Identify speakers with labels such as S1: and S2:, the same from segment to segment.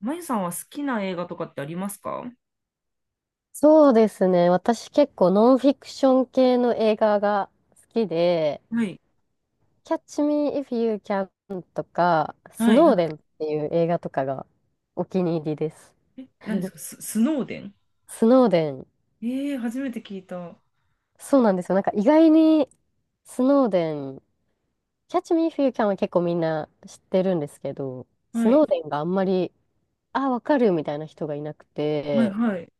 S1: まゆさんは好きな映画とかってありますか？は
S2: そうですね。私結構ノンフィクション系の映画が好きで、
S1: い、
S2: Catch Me If You Can とか、ス
S1: はい、
S2: ノー
S1: は
S2: デンっ
S1: い。
S2: ていう映画とかがお気に入りです。
S1: え、何ですか、スノーデン？
S2: スノーデン、
S1: ええー、初めて聞いた。は
S2: そうなんですよ。なんか意外にスノーデン、Catch Me If You Can は結構みんな知ってるんですけど、ス
S1: い。
S2: ノーデンがあんまり、あ、わかるみたいな人がいなく
S1: はい、
S2: て、
S1: はい、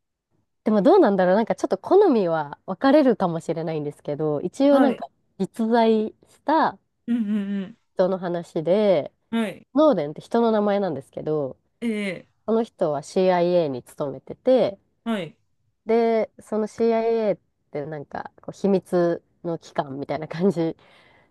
S2: でもどうなんだろう。なんかちょっと好みは分かれるかもしれないんですけど、一応
S1: は
S2: なん
S1: い、
S2: か実在した
S1: うんうん
S2: 人の話で、
S1: うん。はい。
S2: ノーデンって人の名前なんですけど、
S1: ええ
S2: この人は CIA に勤めてて、
S1: ー、はい。
S2: で、その CIA ってなんかこう秘密の機関みたいな感じ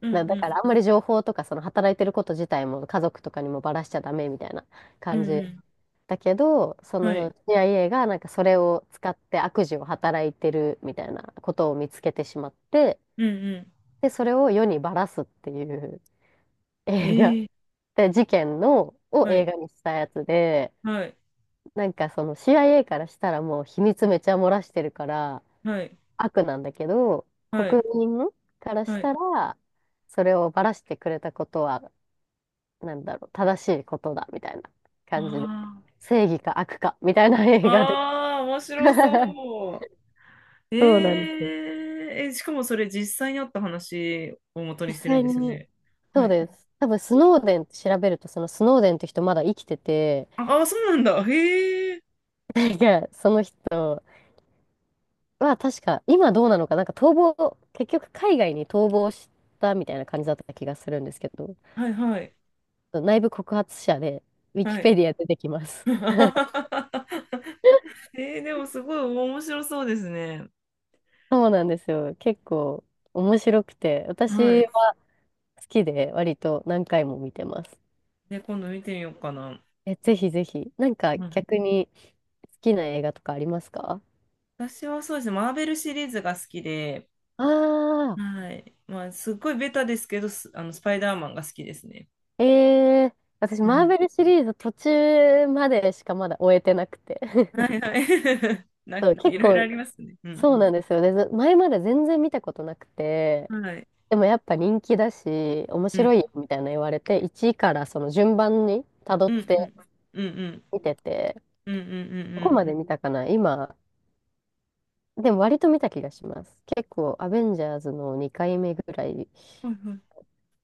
S1: うんう
S2: な、だから
S1: ん。
S2: あんまり情報とかその働いてること自体も家族とかにもばらしちゃダメみたいな
S1: う
S2: 感じ
S1: んう
S2: だけど、そ
S1: ん。は
S2: の
S1: い。
S2: CIA がなんかそれを使って悪事を働いてるみたいなことを見つけてしまって、
S1: うんうん。
S2: で、それを世にばらすっていう
S1: え
S2: 映画
S1: えー、
S2: で、事件の、を
S1: は
S2: 映
S1: い。
S2: 画にしたやつで、
S1: はい。
S2: なんかその CIA からしたらもう秘密めちゃ漏らしてるから
S1: はい。
S2: 悪なんだけど、
S1: は
S2: 国
S1: い。
S2: 民からし
S1: はい。
S2: たら、それをばらしてくれたことは、なんだろう、正しいことだ、みたいな感じで。
S1: あ
S2: 正義か悪か、みたいな
S1: あ。
S2: 映画で。
S1: ああ、面白 そう。
S2: そうなんで
S1: え
S2: す。
S1: えー、え、しかもそれ実際にあった話を元に
S2: 実
S1: してるん
S2: 際
S1: ですよ
S2: に、
S1: ね。
S2: そ
S1: は
S2: うで
S1: い。
S2: す。多分、スノーデンって調べると、そのスノーデンって人まだ生きてて、
S1: ああ、そうなんだ。へえ。
S2: なんか、その人は確か、今どうなのか、なんか逃亡、結局海外に逃亡したみたいな感じだった気がするんですけど、
S1: はいはい
S2: 内部告発者で、ウィキ
S1: はい。
S2: ペディア出てきます。
S1: でもすごい面白そうですね。
S2: そうなんですよ。結構面白くて、
S1: は
S2: 私
S1: い。
S2: は好きで割と何回も見てます。
S1: で、今度見てみようかな。
S2: え、ぜひぜひ。なんか
S1: うん、
S2: 逆に好きな映画とかありますか？
S1: 私はそうですね、マーベルシリーズが好きで、
S2: ああ
S1: はい。まあ、すっごいベタですけど、あのスパイダーマンが好きですね。
S2: ー、えー、私
S1: う
S2: マー
S1: ん。
S2: ベルシリーズ途中までしかまだ終えてなくて。
S1: は いはい。
S2: そう、
S1: い
S2: 結
S1: ろいろあり
S2: 構
S1: ますね。うん。
S2: そうなんですよ。で、ず前まで全然見たことなくて、
S1: はい。
S2: でもやっぱ人気だし、面
S1: う
S2: 白
S1: ん。
S2: いよみたいな言われて、1位からその順番に辿っ
S1: うんう
S2: て
S1: ん。うんうん。
S2: 見てて、
S1: うんうん
S2: ど
S1: う
S2: こま
S1: ん
S2: で見たかな今、でも割と見た気がします。結構、アベンジャーズの2回目ぐらい
S1: うん。はいはい。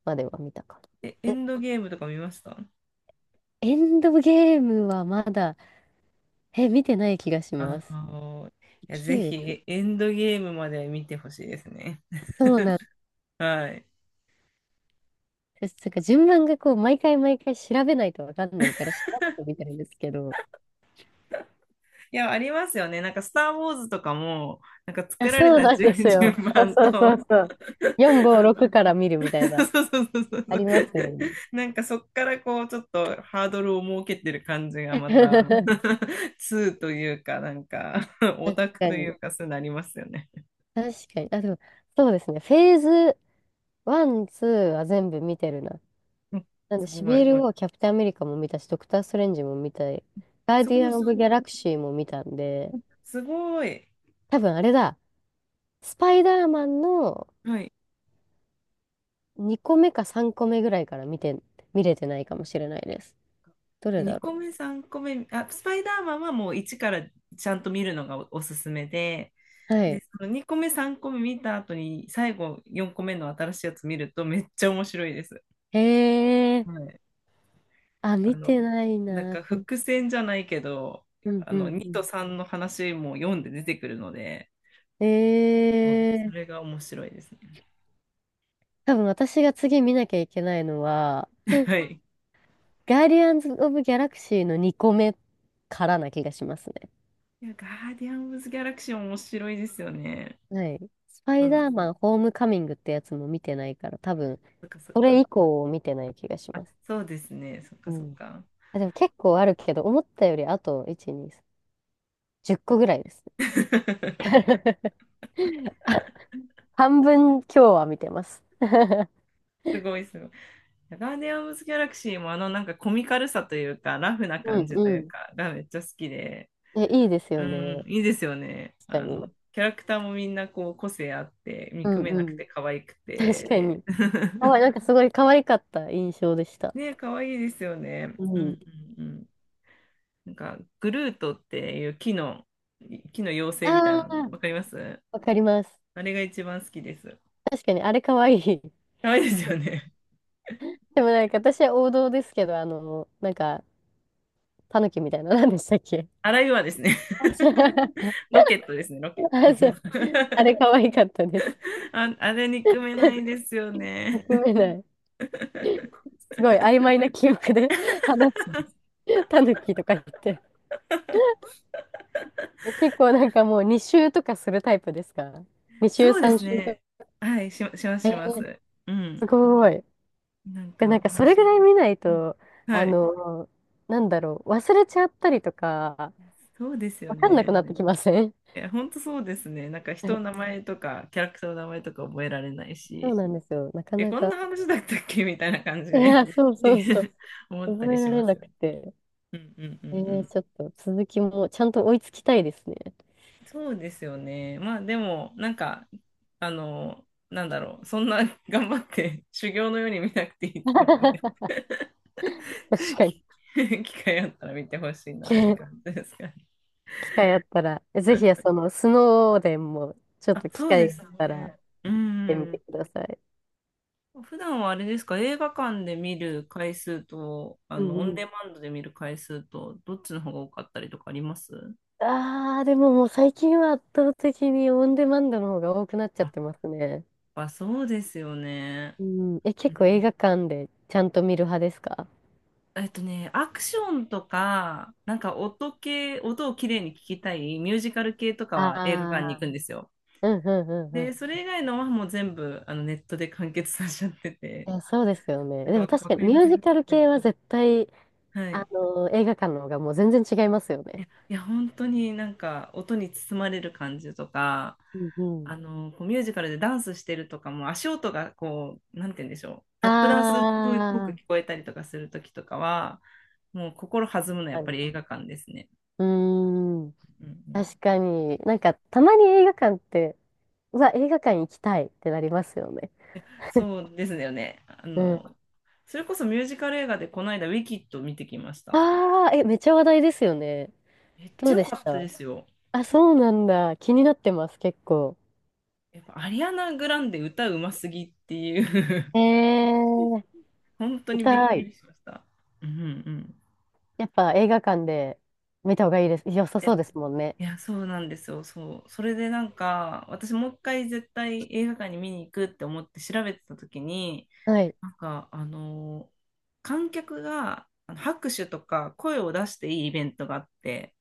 S2: までは見たか
S1: え、エ
S2: な。え、
S1: ンドゲームとか見ました？
S2: エンドゲームはまだ、え、見てない気がし
S1: あ
S2: ます。
S1: のいや、
S2: 時
S1: ぜ
S2: 系列
S1: ひ、エンドゲームまで見てほしいですね。
S2: そうなん
S1: はい。
S2: です。なんか順番がこう、毎回毎回調べないとわかんないから、調べてみたいんですけど、
S1: いや、ありますよね。なんか、スター・ウォーズとかも、なんか
S2: あ、
S1: 作られ
S2: そう
S1: た
S2: なんです
S1: 順、順
S2: よ。そう
S1: 番
S2: そうそ
S1: と、
S2: うそう。4、5、
S1: あ
S2: 6
S1: の
S2: から見るみたい な、
S1: そうそうそうそうそ
S2: あ
S1: う。
S2: りますよね。
S1: なんか、そっからこう、ちょっとハードルを設けてる感じがまた、2というか、なんか、オ
S2: 確
S1: タク
S2: か
S1: とい
S2: に。
S1: うか、そうなりますよね。
S2: 確かに。あ、でも、そうですね。フェーズ1、2は全部見てるな。
S1: うん。
S2: なんで、
S1: す
S2: シ
S1: ご
S2: ビ
S1: い。
S2: ルはキャプテンアメリカも見たし、ドクター・ストレンジも見たい。ガー
S1: す
S2: ディ
S1: ご
S2: ア
S1: い、
S2: ン・オ
S1: す
S2: ブ・
S1: ご
S2: ギャ
S1: い。
S2: ラクシーも見たんで、
S1: すごい。
S2: 多分あれだ、スパイダーマンの
S1: はい。
S2: 2個目か3個目ぐらいから見て、見れてないかもしれないです。どれ
S1: 2
S2: だ
S1: 個
S2: ろ
S1: 目、3個目、あ、スパイダーマンはもう1からちゃんと見るのが、おすすめで、
S2: う。は
S1: で、
S2: い。
S1: その2個目、3個目見た後に、最後4個目の新しいやつ見るとめっちゃ面白いです。
S2: へえ。
S1: はい。
S2: あ、
S1: あ
S2: 見
S1: の、
S2: てない
S1: なん
S2: な。
S1: か伏線じゃないけど、
S2: うんうん
S1: 2
S2: う
S1: と
S2: ん。
S1: 3の話も読んで出てくるので、
S2: え
S1: そう、それ
S2: ー、
S1: が面白いですね。
S2: 多分私が次見なきゃいけないのは、
S1: はい。
S2: ガーディアンズ・オブ・ギャラクシーの2個目からな気がしますね。
S1: いや、ガーディアンズ・ギャラクシー面白いですよね。
S2: はい。スパイダー
S1: そ
S2: マン・ホームカミングってやつも見てないから、多分、
S1: っかそっ
S2: そ
S1: か。
S2: れ以降を見てない気がします。
S1: そうですね。そっ
S2: う
S1: かそっ
S2: ん。
S1: か。
S2: あ、でも結構あるけど、思ったよりあと、1、2、3、0個ぐらいですね。あ、半分今日は見てます。
S1: すごいすごい。ガーディアン・ズギャラクシーもなんかコミカルさというか、ラフな
S2: う
S1: 感
S2: ん
S1: じと
S2: う
S1: いう
S2: ん。
S1: か、がめっちゃ好きで、
S2: え、いいです
S1: う
S2: よね。
S1: ん、いいですよね。
S2: 確かに。
S1: キャラクターもみんなこう個性あって、
S2: う
S1: 見く
S2: ん
S1: めなく
S2: うん。
S1: て可愛く
S2: 確か
S1: て。
S2: に。可愛いい、なんか すごい可愛かった印象でした。
S1: ねえ、可愛いですよね。
S2: う
S1: う
S2: ん。
S1: んうんうん。なんか、グルートっていう木の妖精みたい
S2: あ
S1: なの、
S2: あ、
S1: わかります？
S2: わかります。
S1: あれが一番好きです。
S2: 確かに、あれ可愛い。
S1: 可愛いですよね。
S2: でもなんか私は王道ですけど、なんか、タヌキみたいな、何でしたっけ？
S1: あらゆはですね、
S2: あ、そう。
S1: ロケットですね、ロケ
S2: あ、そう。あ
S1: ッ
S2: れ可
S1: ト。
S2: 愛かったです。
S1: あ、あれ憎めないですよね。
S2: 憎めない。すごい曖昧な記憶で 話す。タヌキとか言って。結構なんかもう2周とかするタイプですか？ 2 周、
S1: そうで
S2: 3
S1: す
S2: 周と
S1: ね。
S2: か。
S1: はい、します、
S2: え
S1: しま
S2: ー、
S1: す。う
S2: す
S1: ん。
S2: ごい。
S1: なん
S2: や、な
S1: か
S2: んかそ
S1: 面
S2: れぐ
S1: 白い。
S2: らい見ない
S1: うん。
S2: と、
S1: は
S2: あ
S1: い、
S2: の、なんだろう、忘れちゃったりとか、
S1: そうですよ
S2: わかんなく
S1: ね。
S2: なってきません？
S1: いや、本当そうですね。なんか人の名 前とか、キャラクターの名前とか覚えられない
S2: そう
S1: し、
S2: なんですよ。なか
S1: え、
S2: な
S1: こんな
S2: か。
S1: 話だったっけみたいな感じ
S2: い
S1: で
S2: や、そうそうそう。
S1: 思った
S2: 覚
S1: り
S2: え
S1: し
S2: られ
S1: ます
S2: な
S1: よ
S2: く
S1: ね。
S2: て。
S1: うんうんう
S2: え
S1: んう
S2: ー、
S1: ん。
S2: ちょっと続きもちゃんと追いつきたいですね。
S1: そうですよね。まあでも、なんか、なんだろう、そんな頑張って修行のように見なくていいと思うんで、
S2: 確 かに。
S1: 機会あったら見てほしいなって感 じですかね？
S2: 機会あったら、ぜひ、その、スノーデンも、ちょっ
S1: あ、
S2: と機
S1: そうで
S2: 会があっ
S1: す
S2: たら、行っ
S1: ね。う
S2: てみて
S1: ん。
S2: ください。
S1: 普段はあれですか、映画館で見る回数と、
S2: うん
S1: オン
S2: う
S1: デ
S2: ん。
S1: マンドで見る回数と、どっちの方が多かったりとかあります？
S2: ああ、でももう最近は圧倒的にオンデマンドの方が多くなっちゃ
S1: あ、
S2: っ
S1: やっ
S2: てますね。
S1: ぱそうですよね。
S2: うん、え、
S1: う
S2: 結構映
S1: ん。
S2: 画館でちゃんと見る派ですか？
S1: ね、アクションとか、なんか音系、音をきれいに聞きたいミュージカル系とかは映画館に行
S2: あ
S1: く
S2: あ
S1: んですよ。
S2: ー、うんうんう
S1: で、
S2: ん
S1: そ
S2: う
S1: れ以外のはもう全部ネットで完結させちゃって
S2: ん。
S1: て、
S2: いや、そうですよね。
S1: な
S2: でも
S1: んか
S2: 確
S1: わ
S2: か
S1: か
S2: に
S1: り
S2: ミ
S1: ま
S2: ュー
S1: す？
S2: ジカル
S1: はい。
S2: 系は絶対、
S1: はい。
S2: 映画館の方がもう全然違いますよね。
S1: いや、本当になんか音に包まれる感じとか、
S2: うんうん。
S1: こうミュージカルでダンスしてるとかも足音がこう、なんて言うんでしょう、タ
S2: あ
S1: ップダンスっぽく聞
S2: あ、
S1: こえたりとかするときとかは、もう心弾むのはやっ
S2: 確か
S1: ぱ
S2: に。
S1: り映画館ですね。
S2: うーん。
S1: うんうん。
S2: 確かに。なんか、たまに映画館って、うわ、映画館行きたいってなりますよね。
S1: そうですよね。
S2: うん。
S1: それこそミュージカル映画でこの間ウィキッド見てきました。
S2: ああ、え、めっちゃ話題ですよね。
S1: めっち
S2: ど
S1: ゃ
S2: う
S1: 良
S2: でし
S1: かったで
S2: た？
S1: すよ。
S2: あ、そうなんだ。気になってます、結構。
S1: やっぱアリアナ・グランデ歌うますぎっていう
S2: えー、行
S1: 本当
S2: き
S1: にびっ
S2: た
S1: く
S2: い。
S1: りしました。うんうん。
S2: やっぱ映画館で見た方がいいです。良さそうですもんね。
S1: いや、そうなんですよ。そう。それでなんか、私もう一回絶対映画館に見に行くって思って調べてた時に、
S2: はい。
S1: なんか、観客があの拍手とか声を出していいイベントがあって、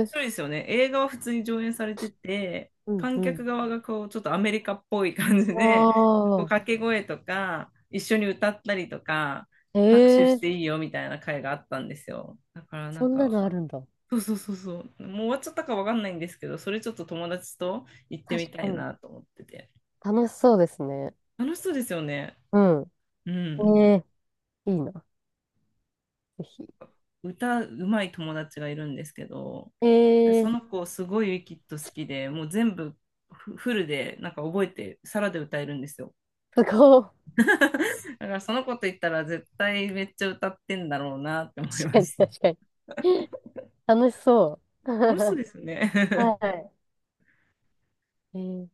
S1: 面白いですよね。映画は普通に上映されてて、
S2: うん
S1: 観
S2: う
S1: 客
S2: ん。
S1: 側がこう、ちょっとアメリカっぽい感じ
S2: あ
S1: で、こう
S2: あ、
S1: 掛け声とか、一緒に歌ったりとか、
S2: え
S1: 拍手し
S2: え、
S1: ていいよみたいな会があったんですよ。だからな
S2: そ
S1: ん
S2: んな
S1: か、
S2: のあるんだ。
S1: そうそうそうそう。もう終わっちゃったかわかんないんですけど、それちょっと友達と行ってみ
S2: 確
S1: た
S2: か
S1: い
S2: に。
S1: なと思ってて。
S2: 楽しそうですね。
S1: 楽しそうですよね。
S2: う
S1: うん。
S2: ん。ええ、いいな。ぜひ。
S1: 歌うまい友達がいるんですけど、
S2: え
S1: そ
S2: え、
S1: の子すごいウィキッド好きで、もう全部フルでなんか覚えて、サラで歌えるんですよ。
S2: すごい。
S1: だからその子と行ったら絶対めっちゃ歌ってんだろうなって 思い
S2: 確
S1: ま
S2: かに、
S1: し
S2: 確
S1: た。
S2: かに。楽しそう。
S1: 楽しそう ですよね。
S2: はい。えー、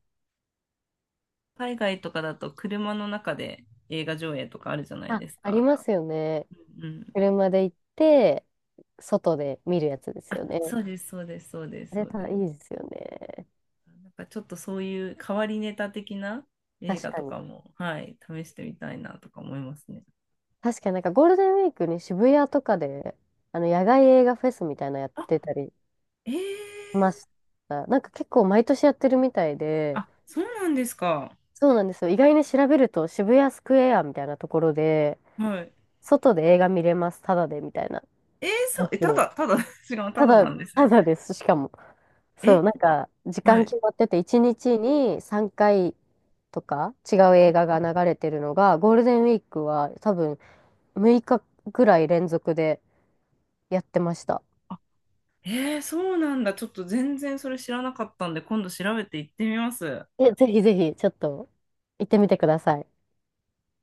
S1: 海外とかだと車の中で映画上映とかあるじゃない
S2: あ、
S1: です
S2: あり
S1: か。
S2: ますよね。
S1: うん。
S2: 車で行って、外で見るやつです
S1: あ、
S2: よね。
S1: そうです、そうです、そうです、
S2: あ
S1: そ
S2: れ
S1: う
S2: た、
S1: で
S2: い
S1: す。
S2: いですよね。
S1: なんかちょっとそういう変わりネタ的な映
S2: 確
S1: 画
S2: か
S1: と
S2: に。
S1: かも、はい、試してみたいなとか思いますね。
S2: 確かになんかゴールデンウィークに渋谷とかで、野外映画フェスみたいなのやっ
S1: あ、
S2: てたりし
S1: えー、
S2: ました。なんか結構毎年やってるみたいで、
S1: あ、そうなんですか。
S2: そうなんですよ。意外に調べると渋谷スクエアみたいなところで、
S1: はい。
S2: 外で映画見れます、ただでみたいな
S1: えー、そ
S2: や
S1: う、え、た
S2: つ。
S1: だ、ただ、違う、た
S2: た
S1: だ
S2: だ、
S1: なんです
S2: た
S1: ね。
S2: だです、しかも。そ
S1: え、
S2: う、なんか時
S1: は
S2: 間
S1: い。
S2: 決まってて、1日に3回とか違う映画が流れてるのが、ゴールデンウィークは多分6日ぐらい連続でやってました。
S1: あ、えー、そうなんだ。ちょっと全然それ知らなかったんで、今度調べて行ってみます。
S2: え、ぜひぜひ、ちょっと、行ってみてください。